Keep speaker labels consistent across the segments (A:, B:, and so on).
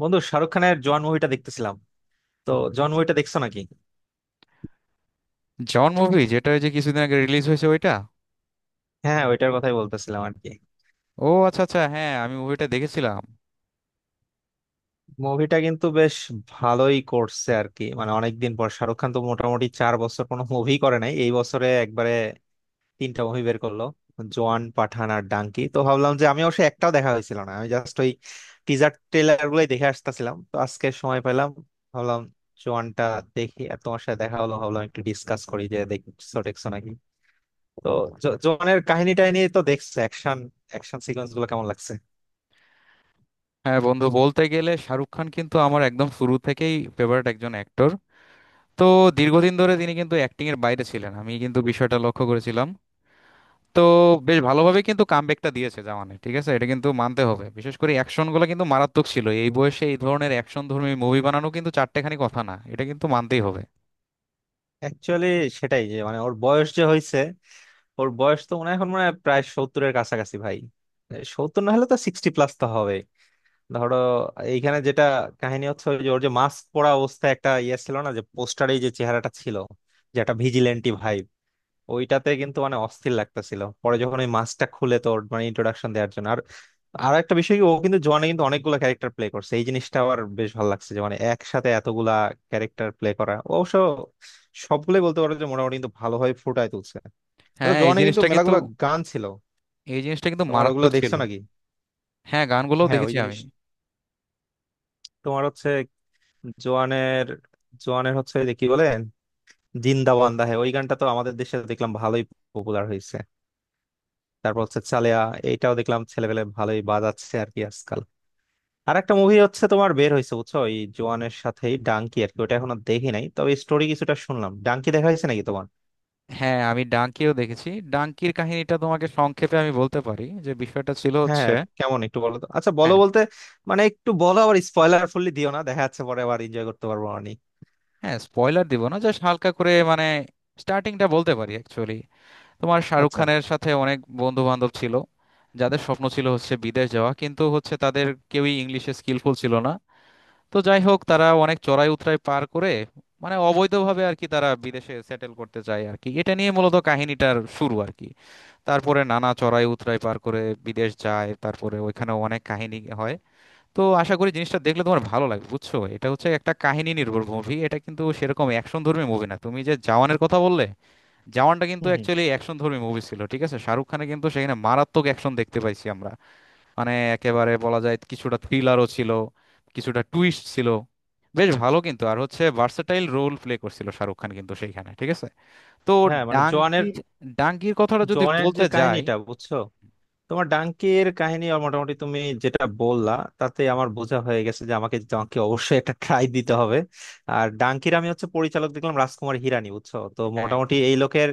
A: বন্ধু, শাহরুখ খানের জোয়ান মুভিটা দেখতেছিলাম। তো জোয়ান মুভিটা দেখছো নাকি?
B: জন মুভি যেটা ওই যে কিছুদিন আগে রিলিজ হয়েছে ওইটা।
A: হ্যাঁ হ্যাঁ, ওইটার কথাই বলতেছিলাম আর কি।
B: ও আচ্ছা আচ্ছা, হ্যাঁ আমি মুভিটা দেখেছিলাম।
A: মুভিটা কিন্তু বেশ ভালোই করছে আর কি। মানে অনেকদিন পর শাহরুখ খান তো মোটামুটি চার বছর কোনো মুভি করে নাই, এই বছরে একবারে তিনটা মুভি বের করলো — জোয়ান, পাঠান আর ডাঙ্কি। তো ভাবলাম যে আমি অবশ্যই একটাও দেখা হয়েছিল না, আমি জাস্ট ওই টিজার ট্রেলার গুলোই দেখে আসতেছিলাম। তো আজকে সময় পেলাম, ভাবলাম জোয়ানটা দেখি। আর তোমার সাথে দেখা হলো, ভাবলাম একটু ডিসকাস করি যে দেখছো দেখছো নাকি। তো জোয়ানের কাহিনীটাই নিয়ে তো দেখছে, অ্যাকশন অ্যাকশন সিকোয়েন্স গুলো কেমন লাগছে?
B: হ্যাঁ বন্ধু, বলতে গেলে শাহরুখ খান কিন্তু আমার একদম শুরু থেকেই ফেভারিট একজন অ্যাক্টর। তো দীর্ঘদিন ধরে তিনি কিন্তু অ্যাক্টিং এর বাইরে ছিলেন, আমি কিন্তু বিষয়টা লক্ষ্য করেছিলাম। তো বেশ ভালোভাবে কিন্তু কামব্যাকটা দিয়েছে জামানে, ঠিক আছে, এটা কিন্তু মানতে হবে। বিশেষ করে অ্যাকশন গুলো কিন্তু মারাত্মক ছিল, এই বয়সে এই ধরনের অ্যাকশন ধর্মী মুভি বানানো কিন্তু চারটেখানি কথা না, এটা কিন্তু মানতেই হবে।
A: অ্যাকচুয়ালি সেটাই, যে মানে ওর বয়স যে হয়েছে। ওর বয়স তো মনে হয় এখন মনে হয় প্রায় সত্তরের কাছাকাছি ভাই, সত্তর না হলে তো সিক্সটি প্লাস তো হবে। ধরো, এইখানে যেটা কাহিনী হচ্ছে, ওই যে ওর যে মাস্ক পরা অবস্থায় একটা ইয়ে ছিল না, যে পোস্টারে যে চেহারাটা ছিল, যে একটা ভিজিলেন্টি ভাই, ওইটাতে কিন্তু মানে অস্থির লাগতেছিল। পরে যখন ওই মাস্কটা খুলে তোর মানে ইন্ট্রোডাকশন দেওয়ার জন্য, আর আর একটা বিষয় কি, ও কিন্তু জোয়ানে কিন্তু অনেকগুলো ক্যারেক্টার প্লে করছে। এই জিনিসটা আবার বেশ ভালো লাগছে যে মানে একসাথে এতগুলা ক্যারেক্টার প্লে করা, ও অবশ্য সবগুলোই বলতে পারো যে মোটামুটি কিন্তু ভালোভাবে ফুটায় তুলছে। আচ্ছা,
B: হ্যাঁ এই
A: জোয়ানে কিন্তু
B: জিনিসটা কিন্তু
A: মেলাগুলা গান ছিল,
B: এই জিনিসটা কিন্তু
A: তোমার ওগুলো
B: মারাত্মক ছিল।
A: দেখছো নাকি?
B: হ্যাঁ গানগুলোও
A: হ্যাঁ, ওই
B: দেখেছি
A: জিনিস
B: আমি।
A: তোমার হচ্ছে জোয়ানের জোয়ানের হচ্ছে যে কি বলে, জিন্দা বান্দা — হ্যাঁ, ওই গানটা তো আমাদের দেশে দেখলাম ভালোই পপুলার হয়েছে। তারপর হচ্ছে চালিয়া, এইটাও দেখলাম ছেলেপেলে ভালোই বাজাচ্ছে আর কি আজকাল। আর একটা মুভি হচ্ছে তোমার বের হয়েছে বুঝছো, ওই জোয়ানের সাথেই ডাঙ্কি আর কি। ওটা এখনো দেখি নাই, তবে স্টোরি কিছুটা শুনলাম। ডাঙ্কি দেখা হয়েছে নাকি তোমার?
B: হ্যাঁ আমি ডাঙ্কিও দেখেছি। ডাঙ্কির কাহিনীটা তোমাকে সংক্ষেপে আমি বলতে পারি, যে বিষয়টা ছিল
A: হ্যাঁ,
B: হচ্ছে,
A: কেমন একটু বলো তো। আচ্ছা বলো,
B: হ্যাঁ,
A: বলতে মানে একটু বলো, আবার স্পয়লার ফুললি দিও না, দেখা যাচ্ছে পরে আবার এনজয় করতে পারবো আমি।
B: হ্যাঁ স্পয়লার দিব না, জাস্ট হালকা করে মানে স্টার্টিংটা বলতে পারি। অ্যাকচুয়ালি তোমার শাহরুখ
A: আচ্ছা।
B: খানের সাথে অনেক বন্ধু বান্ধব ছিল, যাদের স্বপ্ন ছিল হচ্ছে বিদেশ যাওয়া, কিন্তু হচ্ছে তাদের কেউই ইংলিশে স্কিলফুল ছিল না। তো যাই হোক, তারা অনেক চড়াই উতরাই পার করে, মানে অবৈধভাবে আর কি তারা বিদেশে সেটেল করতে চায় আর কি, এটা নিয়ে মূলত কাহিনীটার শুরু আর কি। তারপরে নানা চড়াই উতরাই পার করে বিদেশ যায়, তারপরে ওইখানে অনেক কাহিনী হয়। তো আশা করি জিনিসটা দেখলে তোমার ভালো লাগবে, বুঝছো, এটা হচ্ছে একটা কাহিনী নির্ভর মুভি, এটা কিন্তু সেরকম অ্যাকশন ধর্মী মুভি না। তুমি যে জওয়ানের কথা বললে, জওয়ানটা কিন্তু
A: হম হম।
B: অ্যাকচুয়ালি অ্যাকশন ধর্মী মুভি ছিল, ঠিক আছে, শাহরুখ খানে কিন্তু সেখানে মারাত্মক অ্যাকশন দেখতে পাইছি আমরা। মানে একেবারে বলা যায় কিছুটা থ্রিলারও ছিল, কিছুটা টুইস্ট ছিল, বেশ ভালো কিন্তু। আর হচ্ছে ভার্সেটাইল রোল প্লে করছিল শাহরুখ খান কিন্তু সেইখানে, ঠিক আছে। তো
A: হ্যাঁ, মানে জোয়ানের
B: ডাঙ্কির ডাঙ্কির কথাটা যদি
A: জোয়ানের যে
B: বলতে যাই,
A: কাহিনীটা বুঝছো, তোমার ডাঙ্কির কাহিনী আর মোটামুটি তুমি যেটা বললা, তাতে আমার বোঝা হয়ে গেছে যে আমাকে ডাঙ্কি অবশ্যই একটা ট্রাই দিতে হবে। আর ডাঙ্কির আমি হচ্ছে পরিচালক দেখলাম রাজকুমার হিরানি বুঝছো। তো
B: হ্যাঁ
A: মোটামুটি এই লোকের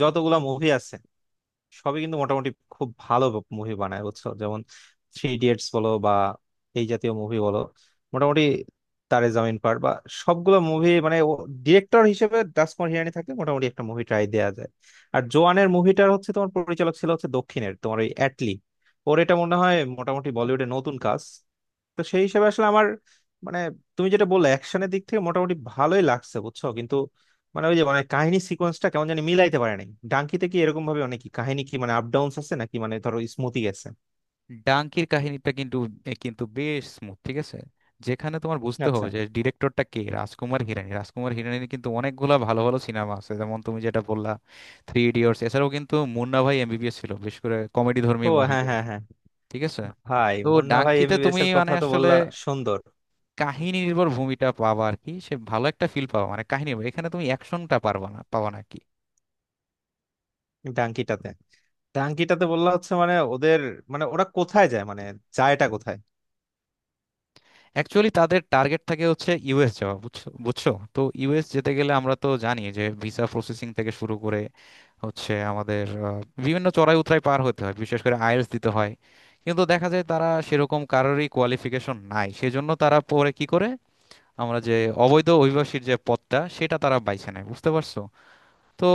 A: যতগুলা মুভি আছে, সবই কিন্তু মোটামুটি খুব ভালো মুভি বানায় বুঝছো। যেমন থ্রি ইডিয়েটস বলো বা এই জাতীয় মুভি বলো, মোটামুটি তারে জামিন পার বা সবগুলো মুভি মানে, ডিরেক্টর হিসেবে দাস হিরানি থাকলে মোটামুটি একটা মুভি ট্রাই দেয়া যায়। আর জোয়ানের মুভিটার হচ্ছে তোমার পরিচালক ছিল হচ্ছে দক্ষিণের তোমার ওই অ্যাটলি, ওর এটা মনে হয় মোটামুটি বলিউডে নতুন কাজ। তো সেই হিসেবে আসলে আমার মানে, তুমি যেটা বললে অ্যাকশনের দিক থেকে মোটামুটি ভালোই লাগছে বুঝছো, কিন্তু মানে ওই যে মানে কাহিনী সিকোয়েন্সটা কেমন জানি মিলাইতে পারে নাই। ডাঙ্কিতে কি এরকম ভাবে অনেক কাহিনী কি মানে আপ ডাউনস আছে নাকি, মানে ধরো স্মুথি গেছে?
B: ডাঙ্কির কাহিনীটা কিন্তু এ কিন্তু বেশ স্মুথ, ঠিক আছে। যেখানে তোমার বুঝতে
A: আচ্ছা।
B: হবে যে ডিরেক্টরটা কে, রাজকুমার হিরানি। রাজকুমার হিরানির কিন্তু অনেকগুলা ভালো ভালো সিনেমা আছে, যেমন তুমি যেটা বললা, থ্রি ইডিয়টস। এছাড়াও কিন্তু মুন্না ভাই এমবিবিএস ছিল, বেশ করে কমেডি ধর্মী
A: ও
B: মুভি,
A: হ্যাঁ হ্যাঁ হ্যাঁ।
B: ঠিক আছে।
A: ভাই,
B: তো
A: মুন্না ভাই
B: ডাঙ্কিতে
A: এমবিবিএস
B: তুমি
A: এর
B: মানে
A: কথা তো
B: আসলে
A: বললা, সুন্দর।
B: কাহিনী নির্ভর ভূমিটা পাবা আর কি, সে ভালো একটা ফিল পাবা, মানে কাহিনী নির্ভর। এখানে তুমি অ্যাকশনটা পারবা না, পাবা না কি।
A: ডাঙ্কিটাতে, ডাঙ্কিটাতে হচ্ছে মানে ওদের, মানে ওরা কোথায় যায়, মানে যায়টা কোথায়?
B: অ্যাকচুয়ালি তাদের টার্গেট থাকে হচ্ছে ইউএস যাওয়া, বুঝছো, বুঝছো তো ইউএস যেতে গেলে আমরা তো জানি যে ভিসা প্রসেসিং থেকে শুরু করে হচ্ছে আমাদের বিভিন্ন চড়াই উতরাই পার হতে হয়, বিশেষ করে আইএলটিএস দিতে হয়। কিন্তু দেখা যায় তারা সেরকম কারোরই কোয়ালিফিকেশন নাই, সেজন্য তারা পরে কি করে, আমরা যে অবৈধ অভিবাসীর যে পথটা, সেটা তারা বাইছে নেয়, বুঝতে পারছো। তো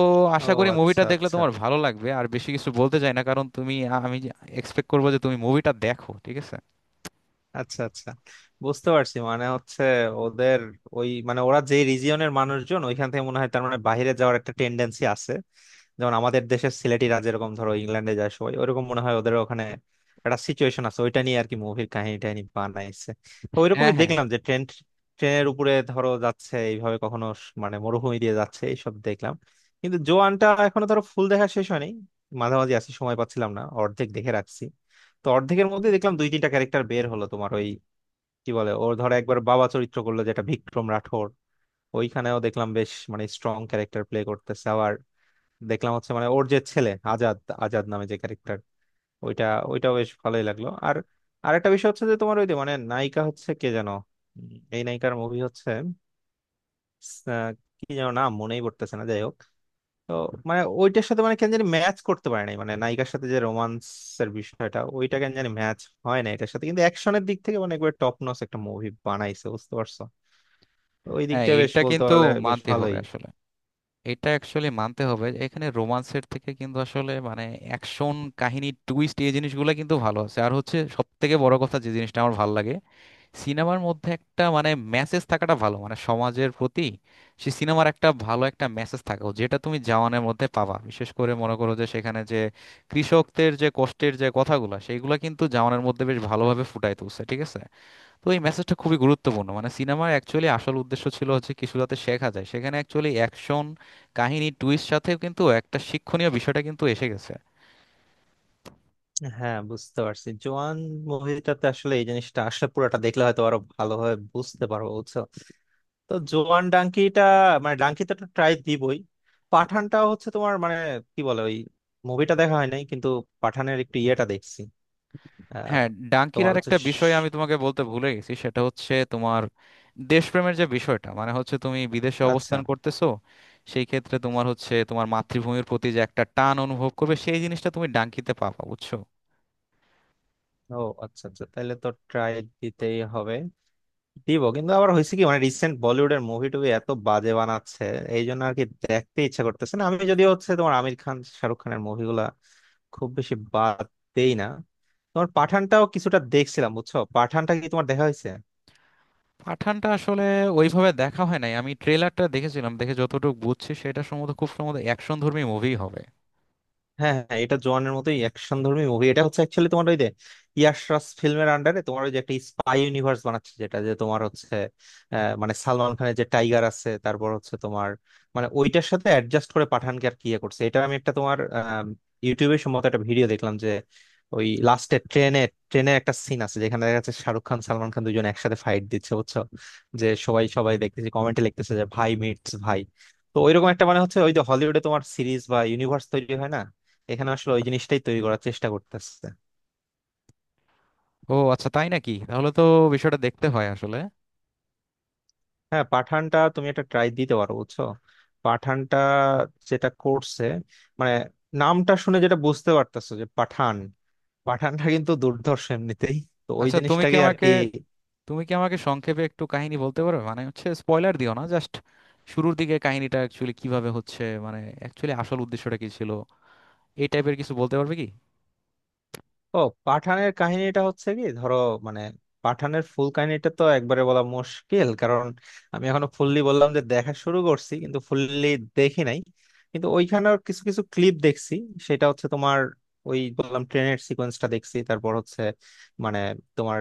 A: ও
B: আশা করি মুভিটা
A: আচ্ছা
B: দেখলে
A: আচ্ছা।
B: তোমার ভালো লাগবে, আর বেশি কিছু বলতে চাই না কারণ তুমি, আমি এক্সপেক্ট করবো যে তুমি মুভিটা দেখো, ঠিক আছে।
A: আচ্ছা আচ্ছা, বুঝতে পারছি। মানে হচ্ছে ওদের ওই মানে, ওরা যে রিজিয়নের মানুষজন, ওইখান থেকে মনে হয় তার মানে বাইরে যাওয়ার একটা টেন্ডেন্সি আছে। যেমন আমাদের দেশের সিলেটিরা যেরকম ধরো ইংল্যান্ডে যায় সবাই, ওইরকম মনে হয় ওদের ওখানে একটা সিচুয়েশন আছে, ওইটা নিয়ে আর কি মুভির কাহিনী টাহিনী বানাইছে। তো
B: হ্যাঁ,
A: ওইরকমই
B: হ্যাঁ,
A: দেখলাম যে ট্রেনের উপরে ধরো যাচ্ছে এইভাবে, কখনো মানে মরুভূমি দিয়ে যাচ্ছে, এইসব দেখলাম। কিন্তু জোয়ানটা এখনো ধরো ফুল দেখা শেষ হয়নি, মাঝামাঝি আছি, সময় পাচ্ছিলাম না, অর্ধেক দেখে রাখছি। তো অর্ধেকের মধ্যে দেখলাম দুই তিনটা ক্যারেক্টার বের হলো তোমার ওই কি বলে, ওর ধরো একবার বাবা চরিত্র করলো যেটা বিক্রম রাঠোর, ওইখানেও দেখলাম বেশ মানে স্ট্রং ক্যারেক্টার প্লে করতেছে। আবার দেখলাম হচ্ছে মানে ওর যে ছেলে আজাদ, আজাদ নামে যে ক্যারেক্টার ওইটা, ওইটাও বেশ ভালোই লাগলো। আর আরেকটা বিষয় হচ্ছে যে তোমার ওই যে মানে নায়িকা হচ্ছে কে যেন, এই নায়িকার মুভি হচ্ছে আহ, কি যেন নাম মনেই পড়তেছে না, যাই হোক। তো মানে ওইটার সাথে মানে কেন জানি ম্যাচ করতে পারে নাই, মানে নায়িকার সাথে যে রোমান্সের বিষয়টা, ওইটা কেন জানি ম্যাচ হয় না এটার সাথে। কিন্তু অ্যাকশনের দিক থেকে মানে একবার টপ নচ একটা মুভি বানাইছে, বুঝতে পারছো? তো ওই দিক
B: হ্যাঁ
A: দিয়ে বেশ,
B: এটা
A: বলতে
B: কিন্তু
A: পারলে বেশ
B: মানতে হবে
A: ভালোই।
B: আসলে, এটা অ্যাকচুয়ালি মানতে হবে। এখানে রোমান্সের থেকে কিন্তু আসলে মানে অ্যাকশন, কাহিনী, টুইস্ট, এই জিনিসগুলো কিন্তু ভালো আছে। আর হচ্ছে সব থেকে বড় কথা, যে জিনিসটা আমার ভালো লাগে, সিনেমার মধ্যে একটা মানে মেসেজ থাকাটা ভালো, মানে সমাজের প্রতি সে সিনেমার একটা ভালো একটা মেসেজ থাকা উচিত, যেটা তুমি জওয়ানের মধ্যে পাবা। বিশেষ করে মনে করো যে সেখানে যে কৃষকদের যে কষ্টের যে কথাগুলো, সেইগুলো কিন্তু জওয়ানের মধ্যে বেশ ভালোভাবে ফুটায় তুলছে, ঠিক আছে। তো এই মেসেজটা খুবই গুরুত্বপূর্ণ, মানে সিনেমার অ্যাকচুয়ালি আসল উদ্দেশ্য ছিল হচ্ছে কিছু যাতে শেখা যায়, সেখানে অ্যাকচুয়ালি অ্যাকশন, কাহিনী, টুইস্ট সাথেও কিন্তু একটা শিক্ষণীয় বিষয়টা কিন্তু এসে গেছে।
A: হ্যাঁ, বুঝতে পারছি জোয়ান মুভিটাতে আসলে এই জিনিসটা, আসলে পুরোটা দেখলে হয়তো আরো ভালোভাবে বুঝতে পারবো বুঝছো। তো জোয়ান, ডাঙ্কিটা মানে ডাঙ্কিটা তো ট্রাই দিবই। পাঠানটাও হচ্ছে তোমার মানে কি বলে, ওই মুভিটা দেখা হয় নাই, কিন্তু পাঠানের একটু ইয়েটা দেখছি আহ,
B: হ্যাঁ ডাঙ্কির
A: তোমার
B: আর
A: হচ্ছে
B: একটা বিষয় আমি তোমাকে বলতে ভুলে গেছি, সেটা হচ্ছে তোমার দেশপ্রেমের যে বিষয়টা, মানে হচ্ছে তুমি বিদেশে
A: আচ্ছা।
B: অবস্থান করতেছো, সেই ক্ষেত্রে তোমার হচ্ছে তোমার মাতৃভূমির প্রতি যে একটা টান অনুভব করবে, সেই জিনিসটা তুমি ডাঙ্কিতে পাবা, বুঝছো।
A: ও আচ্ছা আচ্ছা, তাহলে তো ট্রাই দিতেই হবে, দিব। কিন্তু আবার হয়েছে কি মানে, রিসেন্ট বলিউডের মুভি টুবি এত বাজে বানাচ্ছে, এই জন্য আর কি দেখতে ইচ্ছা করতেছে না। আমি যদিও হচ্ছে তোমার আমির খান, শাহরুখ খানের মুভিগুলা খুব বেশি বাদ দেই না। তোমার পাঠানটাও কিছুটা দেখছিলাম বুঝছো। পাঠানটা কি তোমার দেখা হয়েছে?
B: পাঠানটা আসলে ওইভাবে দেখা হয় নাই, আমি ট্রেলারটা দেখেছিলাম, দেখে যতটুকু বুঝছি সেটা সম্ভবত, খুব সম্ভবত অ্যাকশন ধর্মী মুভি হবে।
A: হ্যাঁ হ্যাঁ, এটা জোয়ানের মতোই অ্যাকশন ধর্মী মুভি। এটা হচ্ছে অ্যাকচুয়ালি তোমার ওই যে, ইয়াশ রাজ ফিল্মের আন্ডারে তোমার ওই যে একটা স্পাই ইউনিভার্স বানাচ্ছে, যেটা যে তোমার হচ্ছে মানে সালমান খানের যে টাইগার আছে, তারপর হচ্ছে তোমার মানে ওইটার সাথে অ্যাডজাস্ট করে পাঠানকে আর কি ইয়ে করছে। এটা আমি একটা তোমার ইউটিউবে সম্ভবত একটা ভিডিও দেখলাম যে ওই লাস্টে ট্রেনে, ট্রেনের একটা সিন আছে যেখানে দেখা যাচ্ছে শাহরুখ খান সালমান খান দুজন একসাথে ফাইট দিচ্ছে বুঝছো। যে সবাই সবাই দেখতেছে, কমেন্টে লিখতেছে যে ভাই মিটস ভাই। তো ওইরকম একটা মানে হচ্ছে, ওই যে হলিউডে তোমার সিরিজ বা ইউনিভার্স তৈরি হয় না, এখানে আসলে ওই জিনিসটাই তৈরি করার চেষ্টা করতেছে।
B: ও আচ্ছা তাই নাকি, তাহলে তো বিষয়টা দেখতে হয় আসলে।
A: হ্যাঁ, পাঠানটা তুমি একটা ট্রাই দিতে পারো বুঝছো। পাঠানটা যেটা করছে, মানে নামটা শুনে যেটা বুঝতে পারতেছো যে পাঠান, পাঠানটা কিন্তু দুর্ধর্ষ এমনিতেই। তো ওই
B: আচ্ছা তুমি কি
A: জিনিসটাকে আর
B: আমাকে
A: কি।
B: তুমি কি আমাকে সংক্ষেপে একটু কাহিনী বলতে পারবে, মানে হচ্ছে স্পয়লার দিও না, জাস্ট শুরুর দিকে কাহিনীটা অ্যাকচুয়ালি কিভাবে হচ্ছে, মানে অ্যাকচুয়ালি আসল উদ্দেশ্যটা কি ছিল, এই টাইপের কিছু বলতে পারবে কি।
A: ও, পাঠানের কাহিনীটা হচ্ছে কি ধরো, মানে পাঠানের ফুল কাহিনীটা তো একবারে বলা মুশকিল, কারণ আমি এখনো ফুললি বললাম যে দেখা শুরু করছি কিন্তু ফুললি দেখি নাই। কিন্তু ওইখানের কিছু কিছু ক্লিপ দেখছি, সেটা হচ্ছে তোমার ওই বললাম ট্রেনের সিকোয়েন্সটা দেখছি। তারপর হচ্ছে মানে তোমার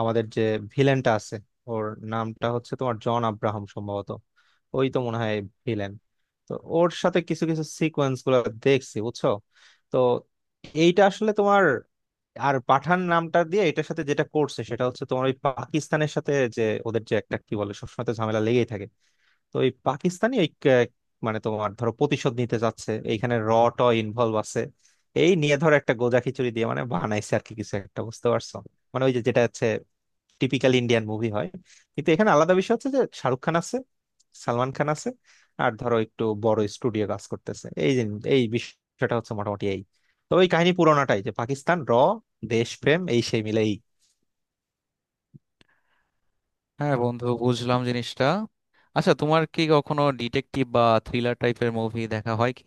A: আমাদের যে ভিলেনটা আছে, ওর নামটা হচ্ছে তোমার জন আব্রাহাম সম্ভবত। ওই তো মনে হয় ভিলেন। তো ওর সাথে কিছু কিছু সিকোয়েন্স গুলো দেখছি বুঝছো। তো এইটা আসলে তোমার, আর পাঠান নামটা দিয়ে এটার সাথে যেটা করছে সেটা হচ্ছে তোমার ওই পাকিস্তানের সাথে যে ওদের যে একটা কি বলে, সবসময় তো ঝামেলা লেগেই থাকে। তো ওই পাকিস্তানি ওই মানে তোমার ধরো প্রতিশোধ নিতে যাচ্ছে, এইখানে র ট ইনভলভ আছে। এই নিয়ে ধরো একটা গোজা খিচুড়ি দিয়ে মানে বানাইছে আর কি, কিছু একটা বুঝতে পারছো। মানে ওই যে যেটা হচ্ছে টিপিক্যাল ইন্ডিয়ান মুভি হয়, কিন্তু এখানে আলাদা বিষয় হচ্ছে যে শাহরুখ খান আছে, সালমান খান আছে, আর ধরো একটু বড় স্টুডিও কাজ করতেছে। এই এই বিষয়টা হচ্ছে মোটামুটি এই। তবে এই কাহিনী পুরোনাটাই যে পাকিস্তান র, দেশপ্রেম এই সেই মিলেই।
B: হ্যাঁ বন্ধু, বুঝলাম জিনিসটা। আচ্ছা তোমার কি কখনো ডিটেকটিভ বা থ্রিলার টাইপের মুভি দেখা হয় কি?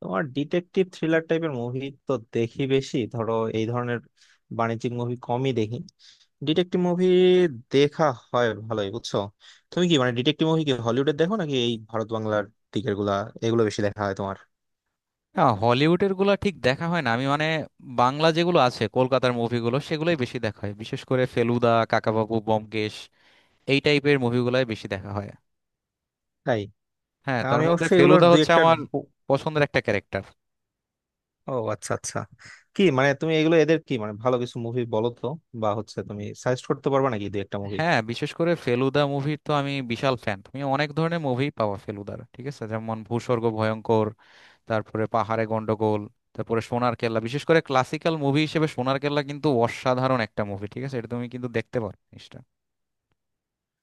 A: তোমার ডিটেকটিভ থ্রিলার টাইপের মুভি তো দেখি বেশি, ধরো এই ধরনের বাণিজ্যিক মুভি কমই দেখি। ডিটেকটিভ মুভি দেখা হয় ভালোই বুঝছো। তুমি কি মানে ডিটেকটিভ মুভি কি হলিউডের দেখো নাকি এই ভারত বাংলার দিকের গুলা, এগুলো বেশি দেখা হয় তোমার?
B: না হলিউডের গুলা ঠিক দেখা হয় না, আমি মানে বাংলা যেগুলো আছে কলকাতার মুভিগুলো সেগুলোই বেশি দেখা হয়, বিশেষ করে ফেলুদা, কাকাবাবু, ব্যোমকেশ, এই টাইপের মুভিগুলাই বেশি দেখা হয়।
A: তাই?
B: হ্যাঁ তার
A: আমি
B: মধ্যে
A: অবশ্যই এগুলোর
B: ফেলুদা
A: দুই
B: হচ্ছে
A: একটার
B: আমার পছন্দের একটা ক্যারেক্টার।
A: ও আচ্ছা আচ্ছা। কি মানে, তুমি এগুলো এদের কি মানে ভালো কিছু মুভি বলো তো, বা হচ্ছে তুমি সাজেস্ট করতে পারবে নাকি দুই একটা মুভি?
B: হ্যাঁ বিশেষ করে ফেলুদা মুভির তো আমি বিশাল ফ্যান, তুমি অনেক ধরনের মুভি পাবা ফেলুদার, ঠিক আছে, যেমন ভূস্বর্গ ভয়ঙ্কর, তারপরে পাহাড়ে গন্ডগোল, তারপরে সোনার কেল্লা। বিশেষ করে ক্লাসিক্যাল মুভি হিসেবে সোনার কেল্লা কিন্তু অসাধারণ একটা মুভি, ঠিক আছে, এটা তুমি কিন্তু দেখতে পারো জিনিসটা।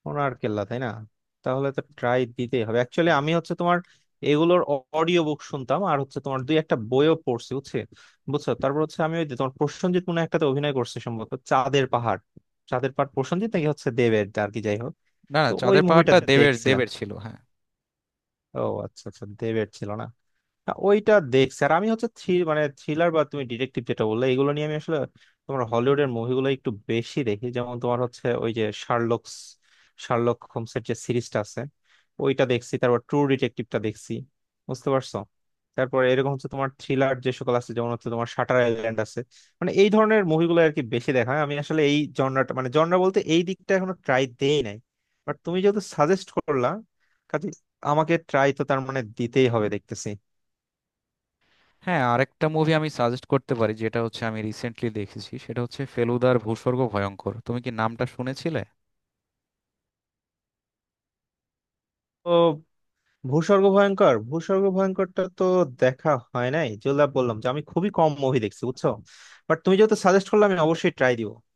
A: ওনার কেল্লা, তাই না? তাহলে তো ট্রাই দিতেই হবে। অ্যাকচুয়ালি আমি হচ্ছে তোমার এগুলোর অডিও বুক শুনতাম, আর হচ্ছে তোমার দুই একটা বইও পড়ছি বুঝছে, বুঝছো। তারপর হচ্ছে আমি ওই যে তোমার প্রসেনজিৎ মনে হয় একটাতে অভিনয় করছে সম্ভবত চাঁদের পাহাড়, চাঁদের পাহাড় প্রসেনজিৎ নাকি হচ্ছে দেবের আর কি, যাই হোক।
B: না না,
A: তো ওই
B: চাঁদের ওই
A: মুভিটা
B: পাহাড়টা মুভিটা দেবের, দেখি
A: দেখছিলাম।
B: দেবের ছিল হ্যাঁ।
A: ও আচ্ছা আচ্ছা, দেবের ছিল না। না, ওইটা দেখছি। আর আমি হচ্ছে মানে থ্রিলার বা তুমি ডিটেকটিভ যেটা বললে, এগুলো নিয়ে আমি আসলে তোমার হলিউডের মুভিগুলো একটু বেশি দেখি। যেমন তোমার হচ্ছে ওই যে শার্লকস, শার্লক হোমসের যে সিরিজটা আছে ওইটা দেখছি, তারপর ট্রু ডিটেকটিভটা দেখছি, বুঝতে পারছো। তারপর এরকম হচ্ছে তোমার থ্রিলার যে সকল আছে, যেমন হচ্ছে তোমার শাটার আইল্যান্ড আছে, মানে এই ধরনের মুভিগুলো আর কি বেশি দেখা হয়। আমি আসলে এই জনরাটা, মানে জনরা বলতে এই দিকটা এখনো ট্রাই দেই নাই, বাট তুমি যেহেতু সাজেস্ট করলা, কাজে আমাকে ট্রাই তো তার মানে দিতেই হবে, দেখতেছি।
B: হ্যাঁ আরেকটা মুভি আমি সাজেস্ট করতে পারি, যেটা হচ্ছে আমি রিসেন্টলি দেখেছি, সেটা হচ্ছে ফেলুদার ভূস্বর্গ ভয়ঙ্কর, তুমি কি নামটা শুনেছিলে?
A: ও ভূস্বর্গ ভয়ঙ্কর, ভূস্বর্গ ভয়ঙ্করটা তো দেখা হয় নাই। যেগুলা বললাম যে আমি খুবই কম মুভি দেখছি বুঝছো, বাট তুমি যেহেতু সাজেস্ট করলে আমি অবশ্যই ট্রাই দিব।